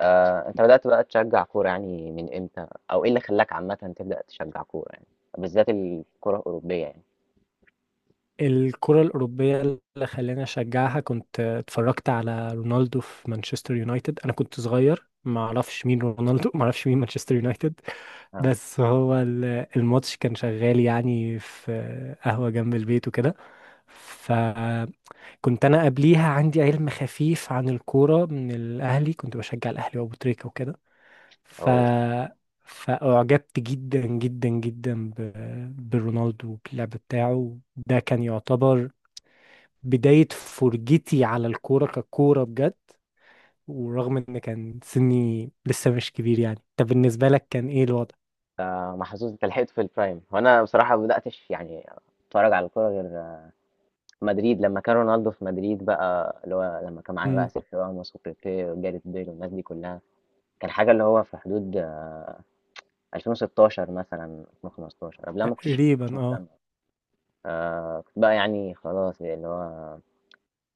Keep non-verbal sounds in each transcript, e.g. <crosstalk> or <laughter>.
انت بدأت بقى تشجع كورة يعني من امتى او ايه اللي خلاك عامة تبدأ تشجع كورة يعني بالذات الكورة الأوروبية يعني. الكرة الأوروبية اللي خلاني أشجعها، كنت اتفرجت على رونالدو في مانشستر يونايتد. أنا كنت صغير، ما أعرفش مين رونالدو، ما أعرفش مين مانشستر يونايتد. اه. بس هو الماتش كان شغال يعني في قهوة جنب البيت وكده. فكنت أنا قبليها عندي علم خفيف عن الكورة من الأهلي، كنت بشجع الأهلي وأبو تريكة وكده. ف او فأعجبت جدا جدا جدا برونالدو وباللعب بتاعه. ده كان يعتبر بداية فرجتي على الكورة ككورة بجد. ورغم ان كان سني لسه مش كبير يعني. طب بالنسبة لك كان ايه الوضع؟ محظوظ انت لحقت في البرايم، وانا بصراحة ما بدأتش يعني اتفرج على الكورة غير مدريد لما كان رونالدو في مدريد بقى، اللي هو لما كان معانا بقى امم. سيرخيو راموس وبيبي وجاريث بيل والناس دي كلها. كان حاجة اللي هو في حدود 2016 مثلا، 2015 قبلها ما كنتش تقريبا اه. مهتم. آه، كنت بقى يعني خلاص يعني اللي هو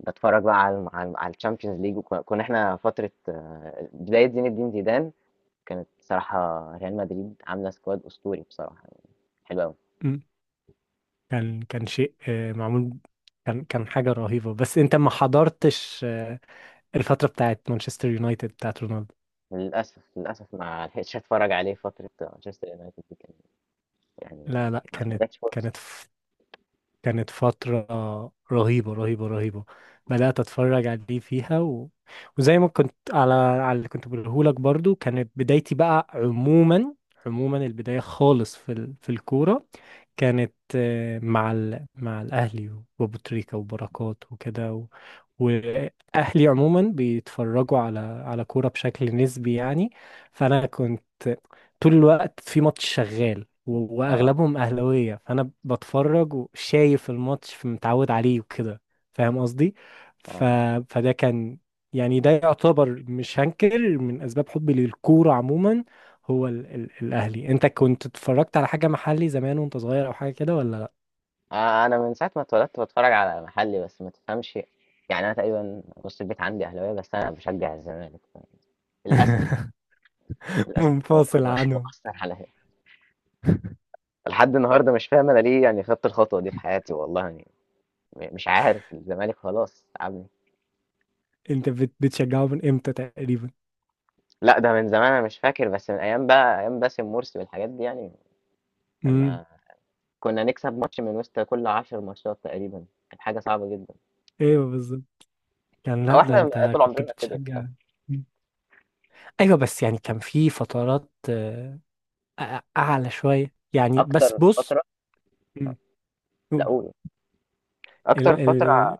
بتفرج بقى على على الشامبيونز ليج، وكنا احنا فتره بدايه زين الدين زيدان كانت بصراحه، ريال مدريد عامله سكواد اسطوري بصراحه يعني، حلو قوي. مم. كان شيء معمول. كان حاجة رهيبة. بس انت ما حضرتش الفترة بتاعت مانشستر يونايتد بتاعت رونالدو. للاسف للاسف ما لحقتش اتفرج عليه، فتره مانشستر يونايتد دي كانت يعني، لا لا، ما جاتش فرصه. كانت كانت فترة رهيبة رهيبة رهيبة. بدأت أتفرج عليه فيها وزي ما كنت على اللي كنت بقولهولك برضو. كانت بدايتي بقى عموما، عموما البداية خالص في الكورة. كانت مع الأهلي وأبو تريكة وبركات وكده. وأهلي عموما بيتفرجوا على كورة بشكل نسبي يعني. فأنا كنت طول الوقت في ماتش شغال، و- اه. واغلبهم اهلاويه، فانا بتفرج وشايف الماتش فمتعود عليه وكده. فاهم قصدي؟ ف... اه. فده كان، يعني ده يعتبر مش هنكر من اسباب حبي للكوره عموما. هو الاهلي. انت كنت اتفرجت على حاجه محلي زمان وانت صغير او حاجه كده ولا لا؟ انا من ساعه ما اتولدت بتفرج على محلي بس ما تفهمش، يعني انا تقريبا نص البيت عندي اهلاويه بس انا بشجع الزمالك للاسف. <laughs> للاسف الموضوع ده منفصل عنهم. مؤثر عليا، لحد النهارده مش فاهم انا ليه يعني خدت الخطوه دي في حياتي، والله يعني مش عارف، الزمالك خلاص تعبني. انت بتشجعه من امتى تقريبا؟ لا ده من زمان انا مش فاكر، بس من ايام بقى ايام باسم مرسي والحاجات دي يعني، امم. لما كنا نكسب ماتش من وسط كل عشر ماتشات تقريبا، كانت حاجة صعبة جدا. ايوه بالظبط. كان، او لا ده احنا انت طول كنت عمرنا كده للأسف. بتشجع. مم. ايوه، بس يعني كان في فترات اعلى شويه يعني. بس اكتر بص. فترة. مم. لا قول. ال اكتر فترة. ال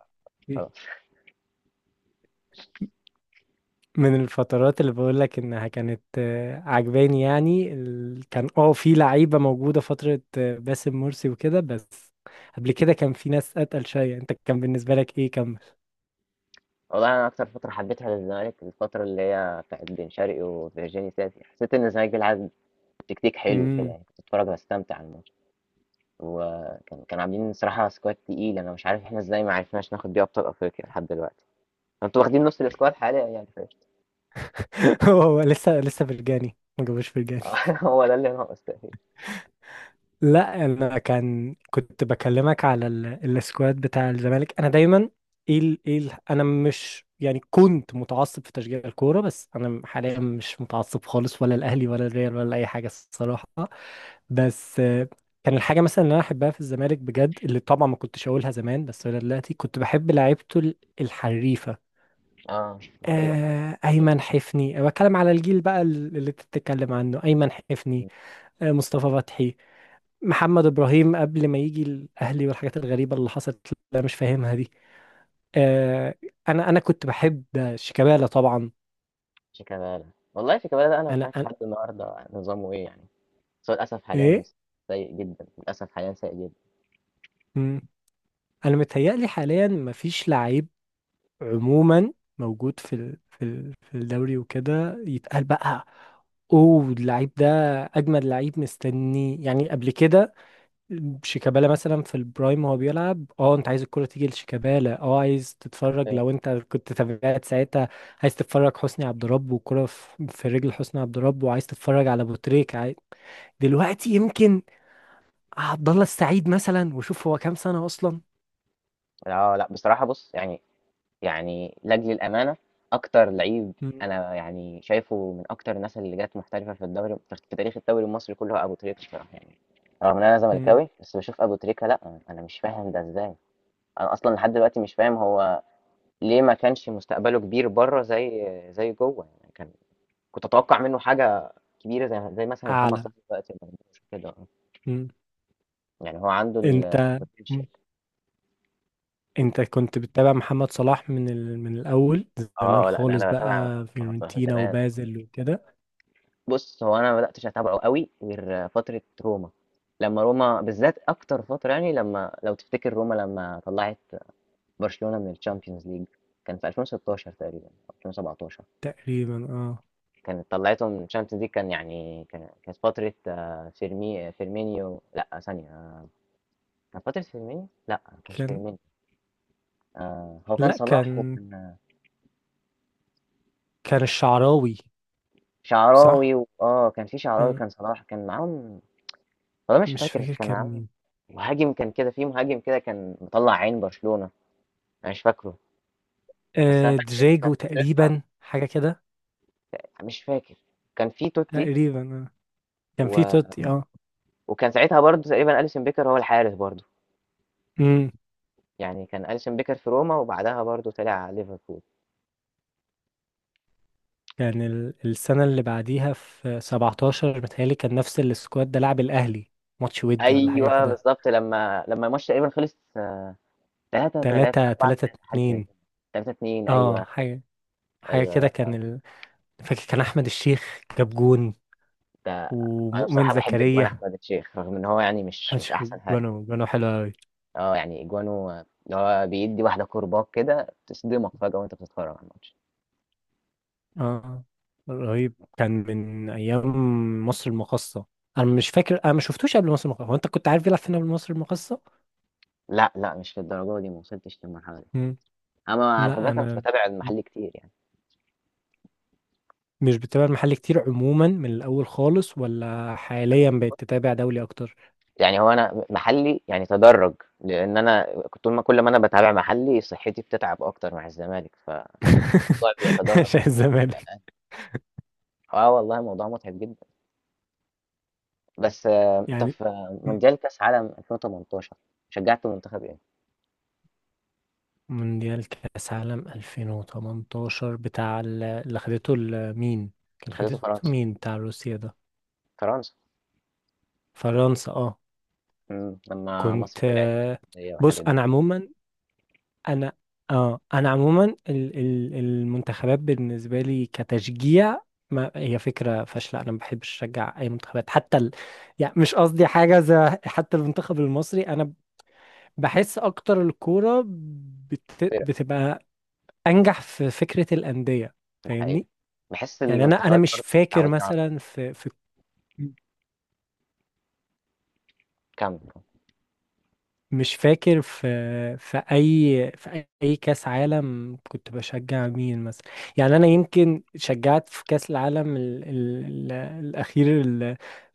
مم. آه. من الفترات اللي بقول لك انها كانت عجباني يعني. كان اه في لعيبه موجوده فتره باسم مرسي وكده بس، قبل كده كان في ناس اتقل شويه. انت كان بالنسبه لك ايه؟ كمل. والله انا اكتر فترة حبيتها للزمالك الفترة اللي هي بتاعت بن شرقي وفيرجيني ساسي، حسيت ان الزمالك بيلعب تكتيك حلو كده امم. يعني، كنت اتفرج واستمتع على الماتش. وكان عاملين صراحة سكواد تقيل، انا مش عارف احنا ازاي ما عرفناش ناخد بيه ابطال افريقيا لحد دلوقتي، انتوا واخدين نص السكواد حاليا يعني، فاهم؟ <laughs> هو هو لسه لسه فرجاني، ما جابوش فرجاني. آه، <laughs> هو ده اللي ناقص تقريبا. لا انا كنت بكلمك على السكواد بتاع الزمالك، انا دايما انا مش يعني كنت متعصب في تشجيع الكوره، بس انا حاليا مش متعصب خالص، ولا الاهلي ولا الريال ولا اي حاجه الصراحه. بس كان الحاجه مثلا اللي انا احبها في الزمالك بجد، اللي طبعا ما كنتش اقولها زمان بس ولا دلوقتي، كنت بحب لعيبته الحريفه. اه ده حقيقة فعلا. ايمن حفني. أنا بتكلم على الجيل بقى اللي انت بتتكلم عنه، ايمن حفني، مصطفى فتحي، محمد ابراهيم، قبل ما يجي الاهلي والحاجات الغريبه اللي حصلت اللي انا مش فاهمها دي. آه. انا كنت بحب شيكابالا طبعا. شيكابالا. والله شيكابالا ده انا مش انا, عارف أنا لحد النهارده نظامه ايه يعني، بس هو للاسف حاليا ايه. سيء جدا، للاسف حاليا سيء جدا. مم. انا متهيألي حاليا مفيش لعيب عموما موجود في الدوري وكده يتقال بقى. اوه، اللعيب ده اجمد لعيب مستني يعني قبل كده. شيكابالا مثلا في البرايم وهو بيلعب، اه انت عايز الكرة تيجي لشيكابالا، اه عايز تتفرج حرفيا. لو انت كنت تابعت ساعتها. عايز تتفرج حسني عبد رب والكرة في رجل حسني عبد رب، وعايز تتفرج على ابو تريكة. دلوقتي يمكن عبد الله السعيد مثلا، وشوف هو كام سنة اصلا. اه لا بصراحه بص يعني، يعني لاجل الامانه، اكتر لعيب مم. انا يعني شايفه من اكتر الناس اللي جت محترفه في الدوري، في تاريخ الدوري المصري كله، هو ابو تريكه بصراحه يعني، رغم ان انا مم. زملكاوي بس بشوف ابو تريكه، لا انا مش فاهم ده ازاي. انا اصلا لحد دلوقتي مش فاهم هو ليه ما كانش مستقبله كبير بره زي زي جوه يعني، كان كنت اتوقع منه حاجه كبيره زي زي مثلا محمد اعلى. صلاح دلوقتي، ما عندوش كده آه. مم. يعني هو عنده انت. البوتنشال. مم. انت كنت بتتابع محمد صلاح من الاول، زمان اه لا ده خالص انا بتابع بقى محمد صلاح من فيورنتينا زمان. وبازل وكده؟ بص هو انا ما بداتش اتابعه قوي غير فتره روما، لما روما بالذات اكتر فتره يعني، لما لو تفتكر روما لما طلعت برشلونه من الشامبيونز ليج، كان في 2016 تقريبا او 2017، تقريبا اه. كانت طلعته من الشامبيونز ليج كان يعني، كان كانت فترة فيرمينيو، لا ثانية، كان فترة فيرمينيو، لا ما كانش كان، فيرمينيو، هو كان لا، صلاح كان وكان كان الشعراوي، شعراوي صح؟ اه كان في شعراوي، آه، كان صلاح كان معاهم. والله مش مش فاكر بس فاكر كان كان معاهم مين. مهاجم كان كده، في مهاجم كده كان مطلع عين برشلونة، انا مش فاكره. بس انا فاكر ان كان دجاجو فترتها، تقريبا، حاجة كده. مش فاكر، كان في توتي تقريبا آه. كان في و... توتي. اه. وكان ساعتها برضو تقريبا اليسون بيكر هو الحارس برضو، امم. يعني كان اليسون بيكر في روما وبعدها برضو طلع على ليفربول. كان السنة اللي بعديها في 17 متهيألي، كان نفس السكواد ده لعب الأهلي ماتش ودي ولا حاجة أيوه كده. بالضبط، لمّا الماتش تقريبا خلص 3-3، تلاتة، تلاتة 4-3 حاجة زي اتنين. كده، 3-2، اه، أيوه، حاجة أيوه كده لأ كان فاكر كان أحمد الشيخ جاب جون ده أنا ومؤمن بصراحة باحب أجوان زكريا. أحمد الشيخ، رغم إن هو يعني مش أحمد مش الشيخ أحسن حاجة، جونه، جونه حلو أوي. آه يعني أجوانه اللي هو بيدّي واحدة كورباك كده تصدمك فجأة وأنت بتتفرج على الماتش. اه، رهيب كان من ايام مصر المقاصة. انا مش فاكر، انا ما شفتوش قبل مصر المقاصة. هو انت كنت عارف يلعب فين قبل مصر المقاصة؟ لأ، لأ مش للدرجة دي، ما وصلتش للمرحلة دي. مم. أنا على فكرة لا انا مش انا باتابع المحلي كتير يعني، مش بتابع المحل كتير عموما من الاول خالص، ولا حاليا بقيت تتابع دولي اكتر. يعني هو أنا محلي يعني تدرّج، لإن أنا كنت طول ما كل ما أنا باتابع محلي صحتي بتتعب أكتر مع الزمالك، فالموضوع <laughs> بيتدرج. عشان الزمالك اه والله موضوع متعب جدا. بس انت يعني. في مم. مونديال كاس عالم 2018 شجعت منتخب ايه؟ مونديال كاس عالم 2018، بتاع اللي خدته مين؟ كان خدته خدته فرنسا. مين بتاع روسيا ده؟ فرنسا. فرنسا اه. مم. لما كنت مصر طلعت من السعودية بص والحاجات دي. انا عموما، انا اه انا عموما المنتخبات بالنسبه لي كتشجيع، ما هي فكره فاشله. انا ما بحبش اشجع اي منتخبات، حتى يعني مش قصدي حاجه زي، حتى المنتخب المصري انا بحس اكتر الكوره فرق. بتبقى انجح في فكره الانديه، الحقيقة فاهمني؟ بحس يعني انا المنتخبات مش برضه فاكر متعودين على. مثلا في في كم. مش فاكر في اي كاس عالم كنت بشجع مين مثلا. يعني انا يمكن شجعت في كاس العالم ال ال ال الاخير، ال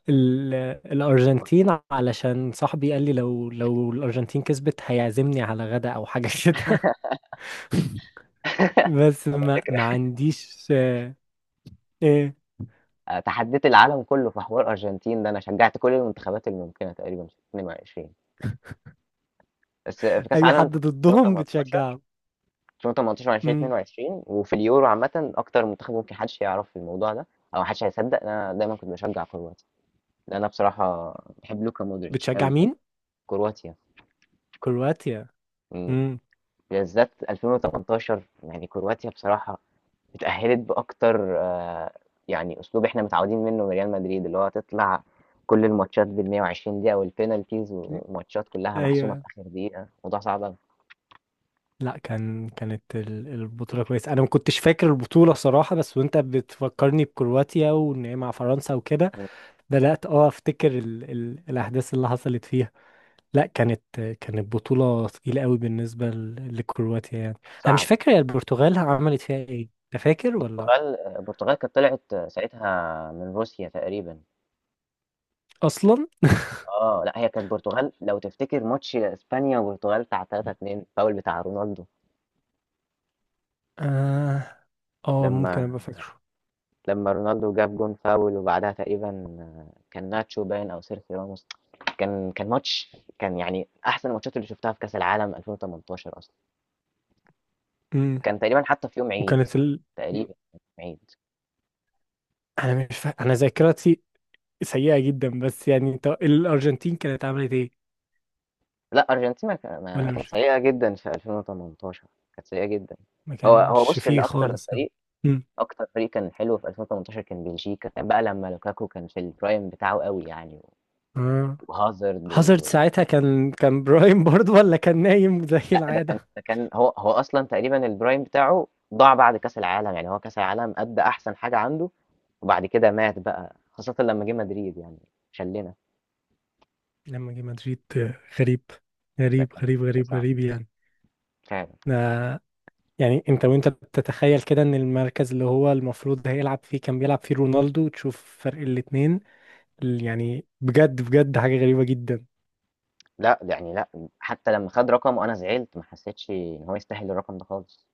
ال الارجنتين، علشان صاحبي قال لي لو الارجنتين كسبت هيعزمني على غدا او حاجه <laughs> كده. بس والله ما فكرة. ما عنديش إيه. <laughs> تحديت العالم كله في حوار الأرجنتين ده، أنا شجعت كل المنتخبات الممكنة تقريبا في 22، بس في كأس اي عالم حد ضدهم 2018، بتشجعه؟ 2018، امم. 2022 وفي اليورو، عامة أكتر منتخب ممكن حدش يعرف الموضوع ده أو محدش هيصدق، أنا دايما كنت بشجع كروات. لا، انا بصراحه بحب لوكا مودريتش بتشجع قوي قوي. مين؟ كرواتيا. كرواتيا. مم. امم. بالذات 2018 يعني كرواتيا بصراحه اتاهلت باكتر يعني اسلوب احنا متعودين منه من ريال مدريد، اللي هو تطلع كل الماتشات بال 120 دقيقه والبينالتيز، وماتشات كلها محسومه في ايوه، اخر دقيقه، موضوع صعب. لا كانت البطولة كويسة. أنا ما كنتش فاكر البطولة صراحة، بس وأنت بتفكرني بكرواتيا وإن هي مع فرنسا وكده، مم. بدأت أفتكر ال ال الأحداث اللي حصلت فيها. لا كانت بطولة تقيلة قوي بالنسبة لكرواتيا يعني. أنا مش صعب. فاكر، هي البرتغال عملت فيها إيه؟ أنت فاكر ولا؟ البرتغال، البرتغال كانت طلعت ساعتها من روسيا تقريبا. أصلا. اه لا هي كانت البرتغال لو تفتكر ماتش اسبانيا والبرتغال بتاع 3-2، فاول بتاع رونالدو، آه. آه، ممكن لما أبقى فاكره. لما رونالدو جاب جون فاول وبعدها تقريبا، كان ناتشو باين او سيرخيو راموس، كان كان ماتش كان يعني احسن الماتشات اللي شفتها في كاس العالم 2018 اصلا، أمم. كان تقريبا حتى في يوم عيد، وكانت مم. تقريبا كان في يوم عيد. أنا مش فاكر، أنا ذاكرتي سيئة جدا. بس يعني أنت الأرجنتين كانت عملت إيه؟ لا ارجنتينا ما ولا كانت مش، سيئه جدا في 2018، كانت سيئه جدا. ما هو كانش بص فيه اللي اكتر خالص. فريق، امم. اكتر فريق كان حلو في 2018 كان بلجيكا بقى، لما لوكاكو كان في البرايم بتاعه قوي يعني، اه، وهازارد. هازارد ساعتها كان برايم برضه، ولا كان نايم زي لأ ده كان، العادة؟ ده كان، هو أصلًا تقريبًا الprime بتاعه ضاع بعد كاس العالم، يعني هو كاس العالم أدّى أحسن حاجة عنده، وبعد كده مات بقى، خاصةً لمّا جه مدريد يعني، شلّنا. لما جه مدريد غريب، غريب ده كان غريب شيء غريب صعب غريب يعني. فعلًا. آه، يعني انت وانت بتتخيل كده ان المركز اللي هو المفروض هيلعب فيه كان بيلعب فيه رونالدو، تشوف فرق الاتنين. يعني بجد بجد حاجة غريبة جدا. لأ، ده يعني لأ، حتى لمّا خَد رقم وأنا زعلت، ما حسيتش إن هو يستاهل الرقم ده خالص.